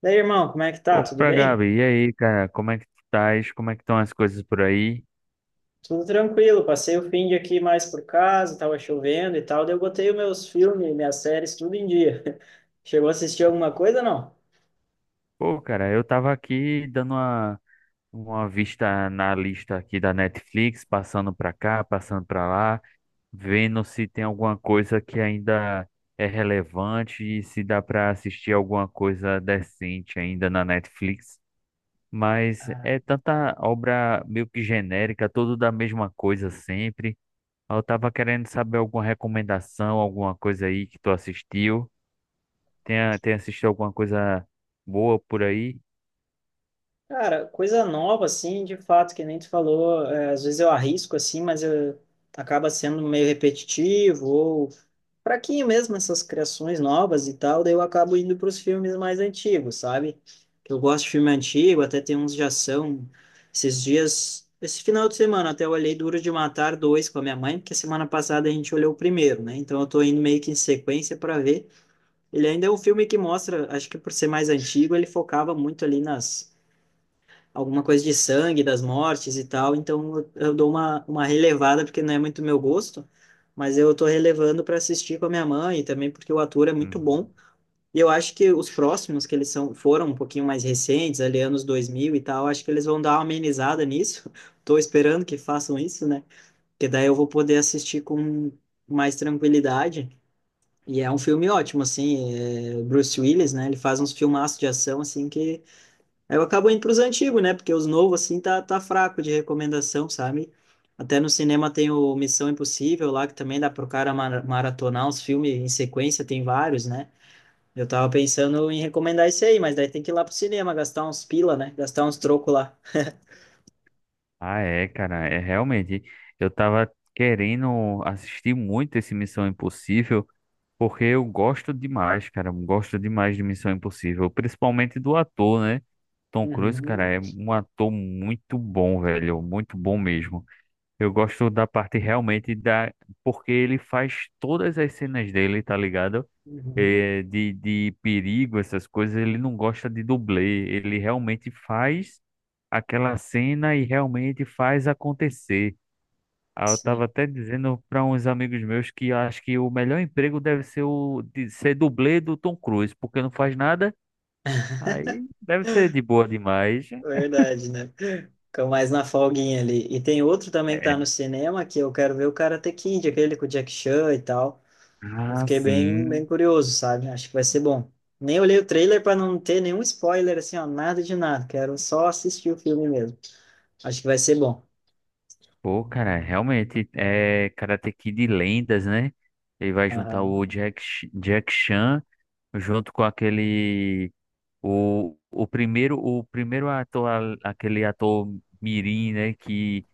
Daí, irmão, como é que tá? Tudo Opa, bem? Gabi, e aí, cara, como é que tu estás? Como é que estão as coisas por aí? Tudo tranquilo. Passei o fim de aqui mais por casa, tava chovendo e tal. Daí eu botei os meus filmes, minhas séries, tudo em dia. Chegou a assistir alguma coisa, não? Pô, cara, eu tava aqui dando uma vista na lista aqui da Netflix, passando pra cá, passando pra lá, vendo se tem alguma coisa que ainda é relevante e se dá pra assistir alguma coisa decente ainda na Netflix. Mas Ah. é tanta obra meio que genérica, tudo da mesma coisa sempre. Eu tava querendo saber alguma recomendação, alguma coisa aí que tu assistiu. Tem assistido alguma coisa boa por aí? Cara, coisa nova, assim, de fato, que nem tu falou. É, às vezes eu arrisco, assim, mas eu, acaba sendo meio repetitivo ou fraquinho mesmo essas criações novas e tal, daí eu acabo indo para os filmes mais antigos, sabe? Que eu gosto de filme antigo, até tem uns de ação. Esses dias, esse final de semana, até eu olhei Duro de Matar 2 com a minha mãe, porque semana passada a gente olhou o primeiro, né? Então eu tô indo meio que em sequência para ver. Ele ainda é um filme que mostra, acho que por ser mais antigo, ele focava muito ali nas alguma coisa de sangue, das mortes e tal, então eu dou uma relevada, porque não é muito meu gosto, mas eu tô relevando para assistir com a minha mãe, e também porque o ator é muito Uhum. bom, e eu acho que os próximos, que eles são, foram um pouquinho mais recentes, ali anos 2000 e tal, acho que eles vão dar uma amenizada nisso, tô esperando que façam isso, né, porque daí eu vou poder assistir com mais tranquilidade, e é um filme ótimo, assim, é, Bruce Willis, né, ele faz uns filmaços de ação, assim, que aí eu acabo indo pros antigos, né? Porque os novos, assim, tá, tá fraco de recomendação, sabe? Até no cinema tem o Missão Impossível lá, que também dá pro cara maratonar os filmes em sequência, tem vários, né? Eu tava pensando em recomendar esse aí, mas daí tem que ir lá pro cinema, gastar uns pila, né? Gastar uns troco lá. Ah, é, cara, é realmente. Eu tava querendo assistir muito esse Missão Impossível, porque eu gosto demais, cara. Eu gosto demais de Missão Impossível, principalmente do ator, né? Tom Cruise, cara, Uhum, é um ator muito bom, velho, muito bom mesmo. Eu gosto da parte realmente, porque ele faz todas as cenas dele, tá ligado? uhum, De perigo, essas coisas, ele não gosta de dublê. Ele realmente faz aquela cena e realmente faz acontecer. Ah, eu tava sim, até dizendo para uns amigos meus que eu acho que o melhor emprego deve ser o de ser dublê do Tom Cruise, porque não faz nada, aí deve ser de boa demais. verdade, né? Fica mais na folguinha ali. E tem outro também que tá no É. cinema, que eu quero ver o Karate Kid, aquele com o Jack Chan e tal. Eu Ah, fiquei bem, bem sim. curioso, sabe? Acho que vai ser bom. Nem olhei o trailer para não ter nenhum spoiler, assim, ó, nada de nada. Quero só assistir o filme mesmo. Acho que vai ser bom. Pô, cara, realmente é Karate Kid Lendas, né? Ele vai juntar o Aham. Jack Chan junto com o primeiro ator, aquele ator mirim, né, que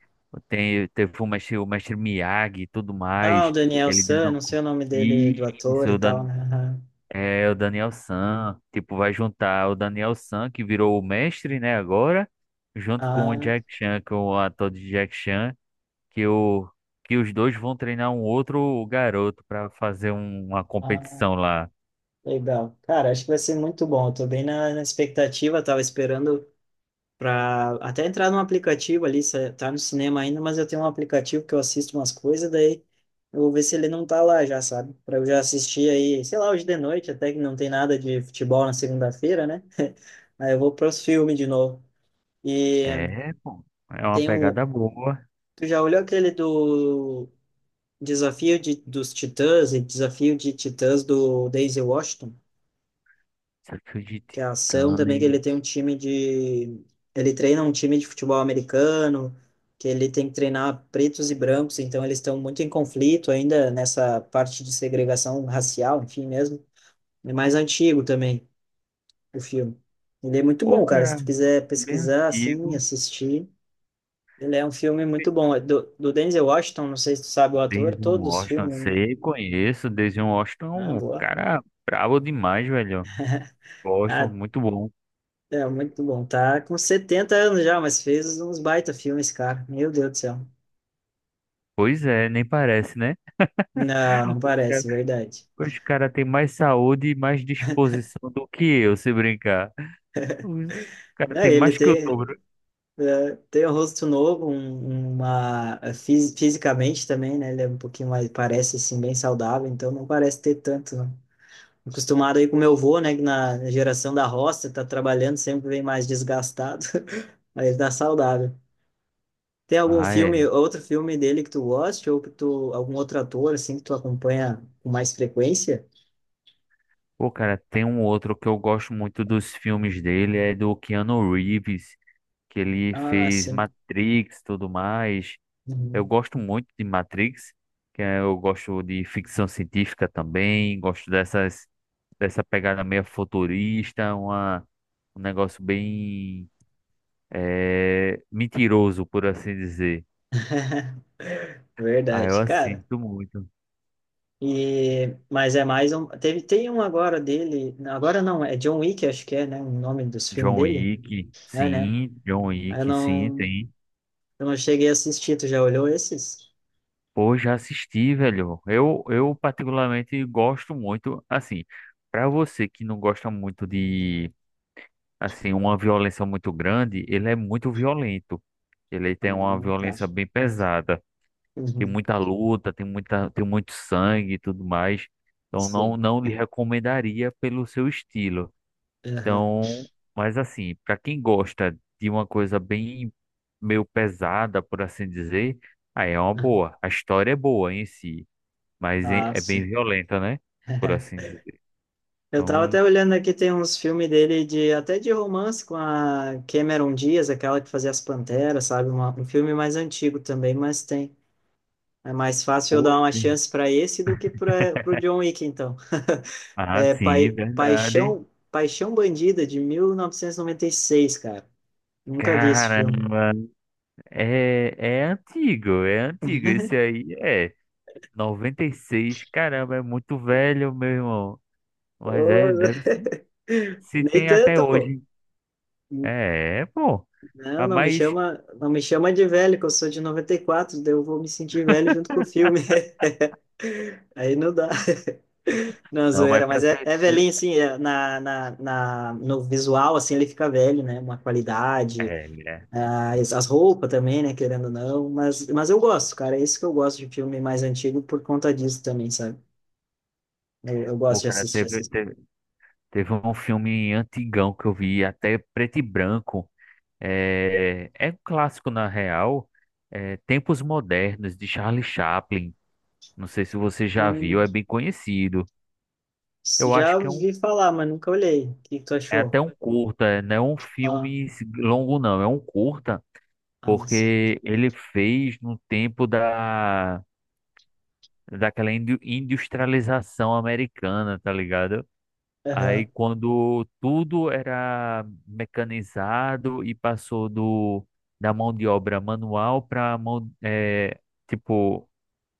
teve o mestre Miyagi e tudo Ah, o mais, Daniel ele San, dando não sei o nome dele, do ator isso, e tal, né? é o Daniel San. Tipo, vai juntar o Daniel San, que virou o mestre, né, agora, junto com o Aham. Jack Chan, que é o ator de Jack Chan, que o que os dois vão treinar um outro garoto para fazer uma Ah, ah, competição lá. legal. Cara, acho que vai ser muito bom. Eu tô bem na expectativa, tava esperando para até entrar num aplicativo ali, se tá no cinema ainda, mas eu tenho um aplicativo que eu assisto umas coisas, daí eu vou ver se ele não tá lá já, sabe? Para eu já assistir aí, sei lá, hoje de noite, até que não tem nada de futebol na segunda-feira, né? Aí eu vou para os filmes de novo. E É, pô, é uma tem um, pegada boa. tu já olhou aquele do Desafio de, dos Titãs e Desafio de Titãs do Daisy Washington? Desafio de Que é a ação também, que ele Titãs. tem um time de. Ele treina um time de futebol americano, que ele tem que treinar pretos e brancos, então eles estão muito em conflito ainda nessa parte de segregação racial, enfim mesmo. É mais antigo também o filme. Ele é muito Pô, bom, cara. Se cara, tu quiser bem pesquisar, assim, antigo. assistir, ele é um filme muito bom. É do Denzel Washington, não sei se tu sabe o ator, Denzel todos os Washington, filmes, né? sei, conheço. Denzel Ah, Washington, um boa. cara brabo demais, velho. Gosto, Ah, muito bom. é muito bom. Tá com 70 anos já, mas fez uns baita filmes, cara. Meu Deus do céu. Pois é, nem parece, né? Não, não Os caras parece, verdade. os cara têm mais saúde e mais disposição do que eu, se brincar. Os cara É, tem ele mais que o tem, dobro. tem um rosto novo, uma fisicamente também, né? Ele é um pouquinho mais, parece assim, bem saudável, então não parece ter tanto, não. Acostumado aí com meu avô, né? Que na geração da roça, tá trabalhando, sempre vem mais desgastado, mas ele tá saudável. Tem algum Ah, filme, é. outro filme dele que tu goste, ou que tu, algum outro ator, assim, que tu acompanha com mais frequência? Pô, cara, tem um outro que eu gosto muito dos filmes dele, é do Keanu Reeves, que ele Ah, fez sim. Matrix, tudo mais. Eu Uhum. gosto muito de Matrix, eu gosto de ficção científica também, gosto dessa pegada meio futurista, um negócio bem mentiroso, por assim dizer. Ah, eu Verdade, cara. assisto muito. E, mas é mais um. Teve, tem um agora dele. Agora não, é John Wick, acho que é, né? O nome dos filmes dele. É, né? John Wick, Eu sim, não, tem. eu não cheguei a assistir. Tu já olhou esses? Pô, já assisti, velho. Eu particularmente gosto muito, assim, pra você que não gosta muito de, assim, uma violência muito grande, ele é muito violento. Ele Ah, tem uma tá. violência bem pesada. Tem Uhum. muita luta, tem muita, tem muito sangue e tudo mais. Então não, Sim. não lhe recomendaria pelo seu estilo. Aham. Então, mas assim, para quem gosta de uma coisa bem meio pesada, por assim dizer, aí é uma Aham. boa. A história é boa em si, mas é Ah, é bem sim. violenta, né? Por assim dizer. Eu tava Então, até olhando aqui, tem uns filmes dele de até de romance com a Cameron Diaz, aquela que fazia As Panteras, sabe? Um filme mais antigo também, mas tem. É mais fácil eu dar uma oi. chance para esse do que para o John Wick, então. Ah, É, sim, verdade. Paixão Bandida, de 1996, cara. Nunca vi esse filme. Caramba, é, é antigo, é antigo. Esse aí é. 96, caramba, é muito velho, meu irmão. Mas é, Ô, deve se, se nem tem até tanto, pô. hoje. É, pô. Não, Ah, não me mas, chama, não me chama de velho, que eu sou de 94, daí eu vou me sentir velho junto com o filme. Aí não dá. Não, não, zoeira, mas pra mas é, ser. é velhinho, assim, é, no visual, assim, ele fica velho, né? Uma qualidade, É, é. ah, as roupas também, né? Querendo ou não, mas eu gosto, cara, é isso que eu gosto de filme mais antigo por conta disso também, sabe? Eu gosto Pô, de cara, assistir teve, essas teve, teve um filme antigão que eu vi, até preto e branco. É, é um clássico, na real. É Tempos Modernos, de Charlie Chaplin. Não sei se você já viu, é coisas. bem conhecido. Eu Já acho que é um. ouvi falar, mas nunca olhei. O que que tu É até achou? um curta, não é um Ah, filme longo, não. É um curta ah, sim. porque ele fez no tempo da daquela industrialização americana, tá ligado? Aí Aham. quando tudo era mecanizado e passou do da mão de obra manual para mão tipo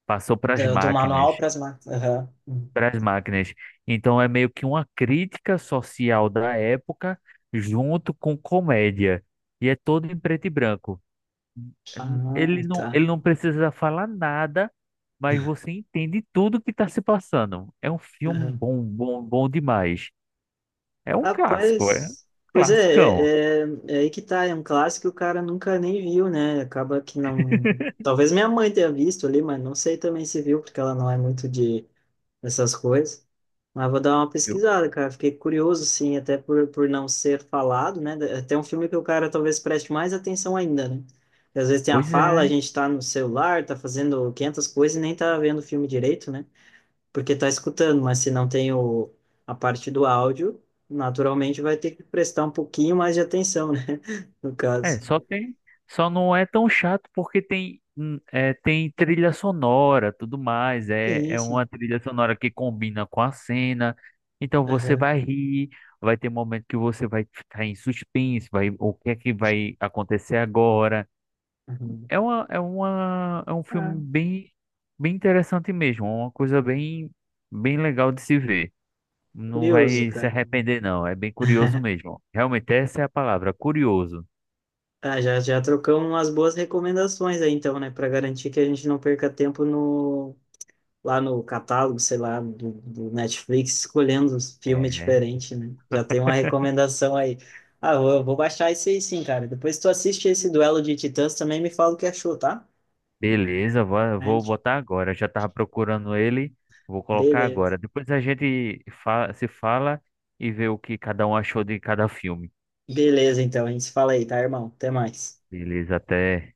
passou para as Do manual máquinas, para as máquinas. Aham. Hum. para as máquinas. Então é meio que uma crítica social da época junto com comédia e é todo em preto e branco. Ah, tá. Ele não precisa falar nada, mas você entende tudo que está se passando. É um filme Aham. bom, bom, bom demais. É um clássico, é um Rapaz, pois classicão. é, aí que tá. É um clássico que o cara nunca nem viu, né? Acaba que não. Talvez minha mãe tenha visto ali, mas não sei também se viu, porque ela não é muito de essas coisas. Mas vou dar uma Eu. pesquisada, cara. Fiquei curioso, sim, até por não ser falado, né? Até um filme que o cara talvez preste mais atenção ainda, né? Porque às vezes tem a Pois fala, a é, gente tá no celular, tá fazendo 500 coisas e nem tá vendo o filme direito, né? Porque tá escutando, mas se não tem o, a parte do áudio, naturalmente vai ter que prestar um pouquinho mais de atenção, né? No é, caso. só tem, só não é tão chato porque tem, é, tem trilha sonora, tudo mais. É, Sim, é sim. uma trilha sonora que combina com a cena. Então você Aham, vai rir, vai ter momento que você vai ficar em suspense, vai, o que é que vai acontecer agora? aham. É uma, é uma, é um Ah, filme bem, bem interessante mesmo, é uma coisa bem, bem legal de se ver. Não curioso, vai se cara. arrepender, não. É bem curioso mesmo. Realmente, essa é a palavra, curioso. Ah, já trocamos umas boas recomendações aí, então, né? Para garantir que a gente não perca tempo no, lá no catálogo, sei lá, do Netflix, escolhendo os filmes É. diferentes, né? Já tem uma recomendação aí. Ah, eu vou baixar esse aí sim, cara. Depois tu assiste esse duelo de titãs também me fala o que achou, tá? Beleza, vou, A vou gente... botar agora. Já tava procurando ele, vou colocar agora. Beleza. Depois a gente se fala e vê o que cada um achou de cada filme. Beleza, então. A gente se fala aí, tá, irmão? Até mais. Beleza, até.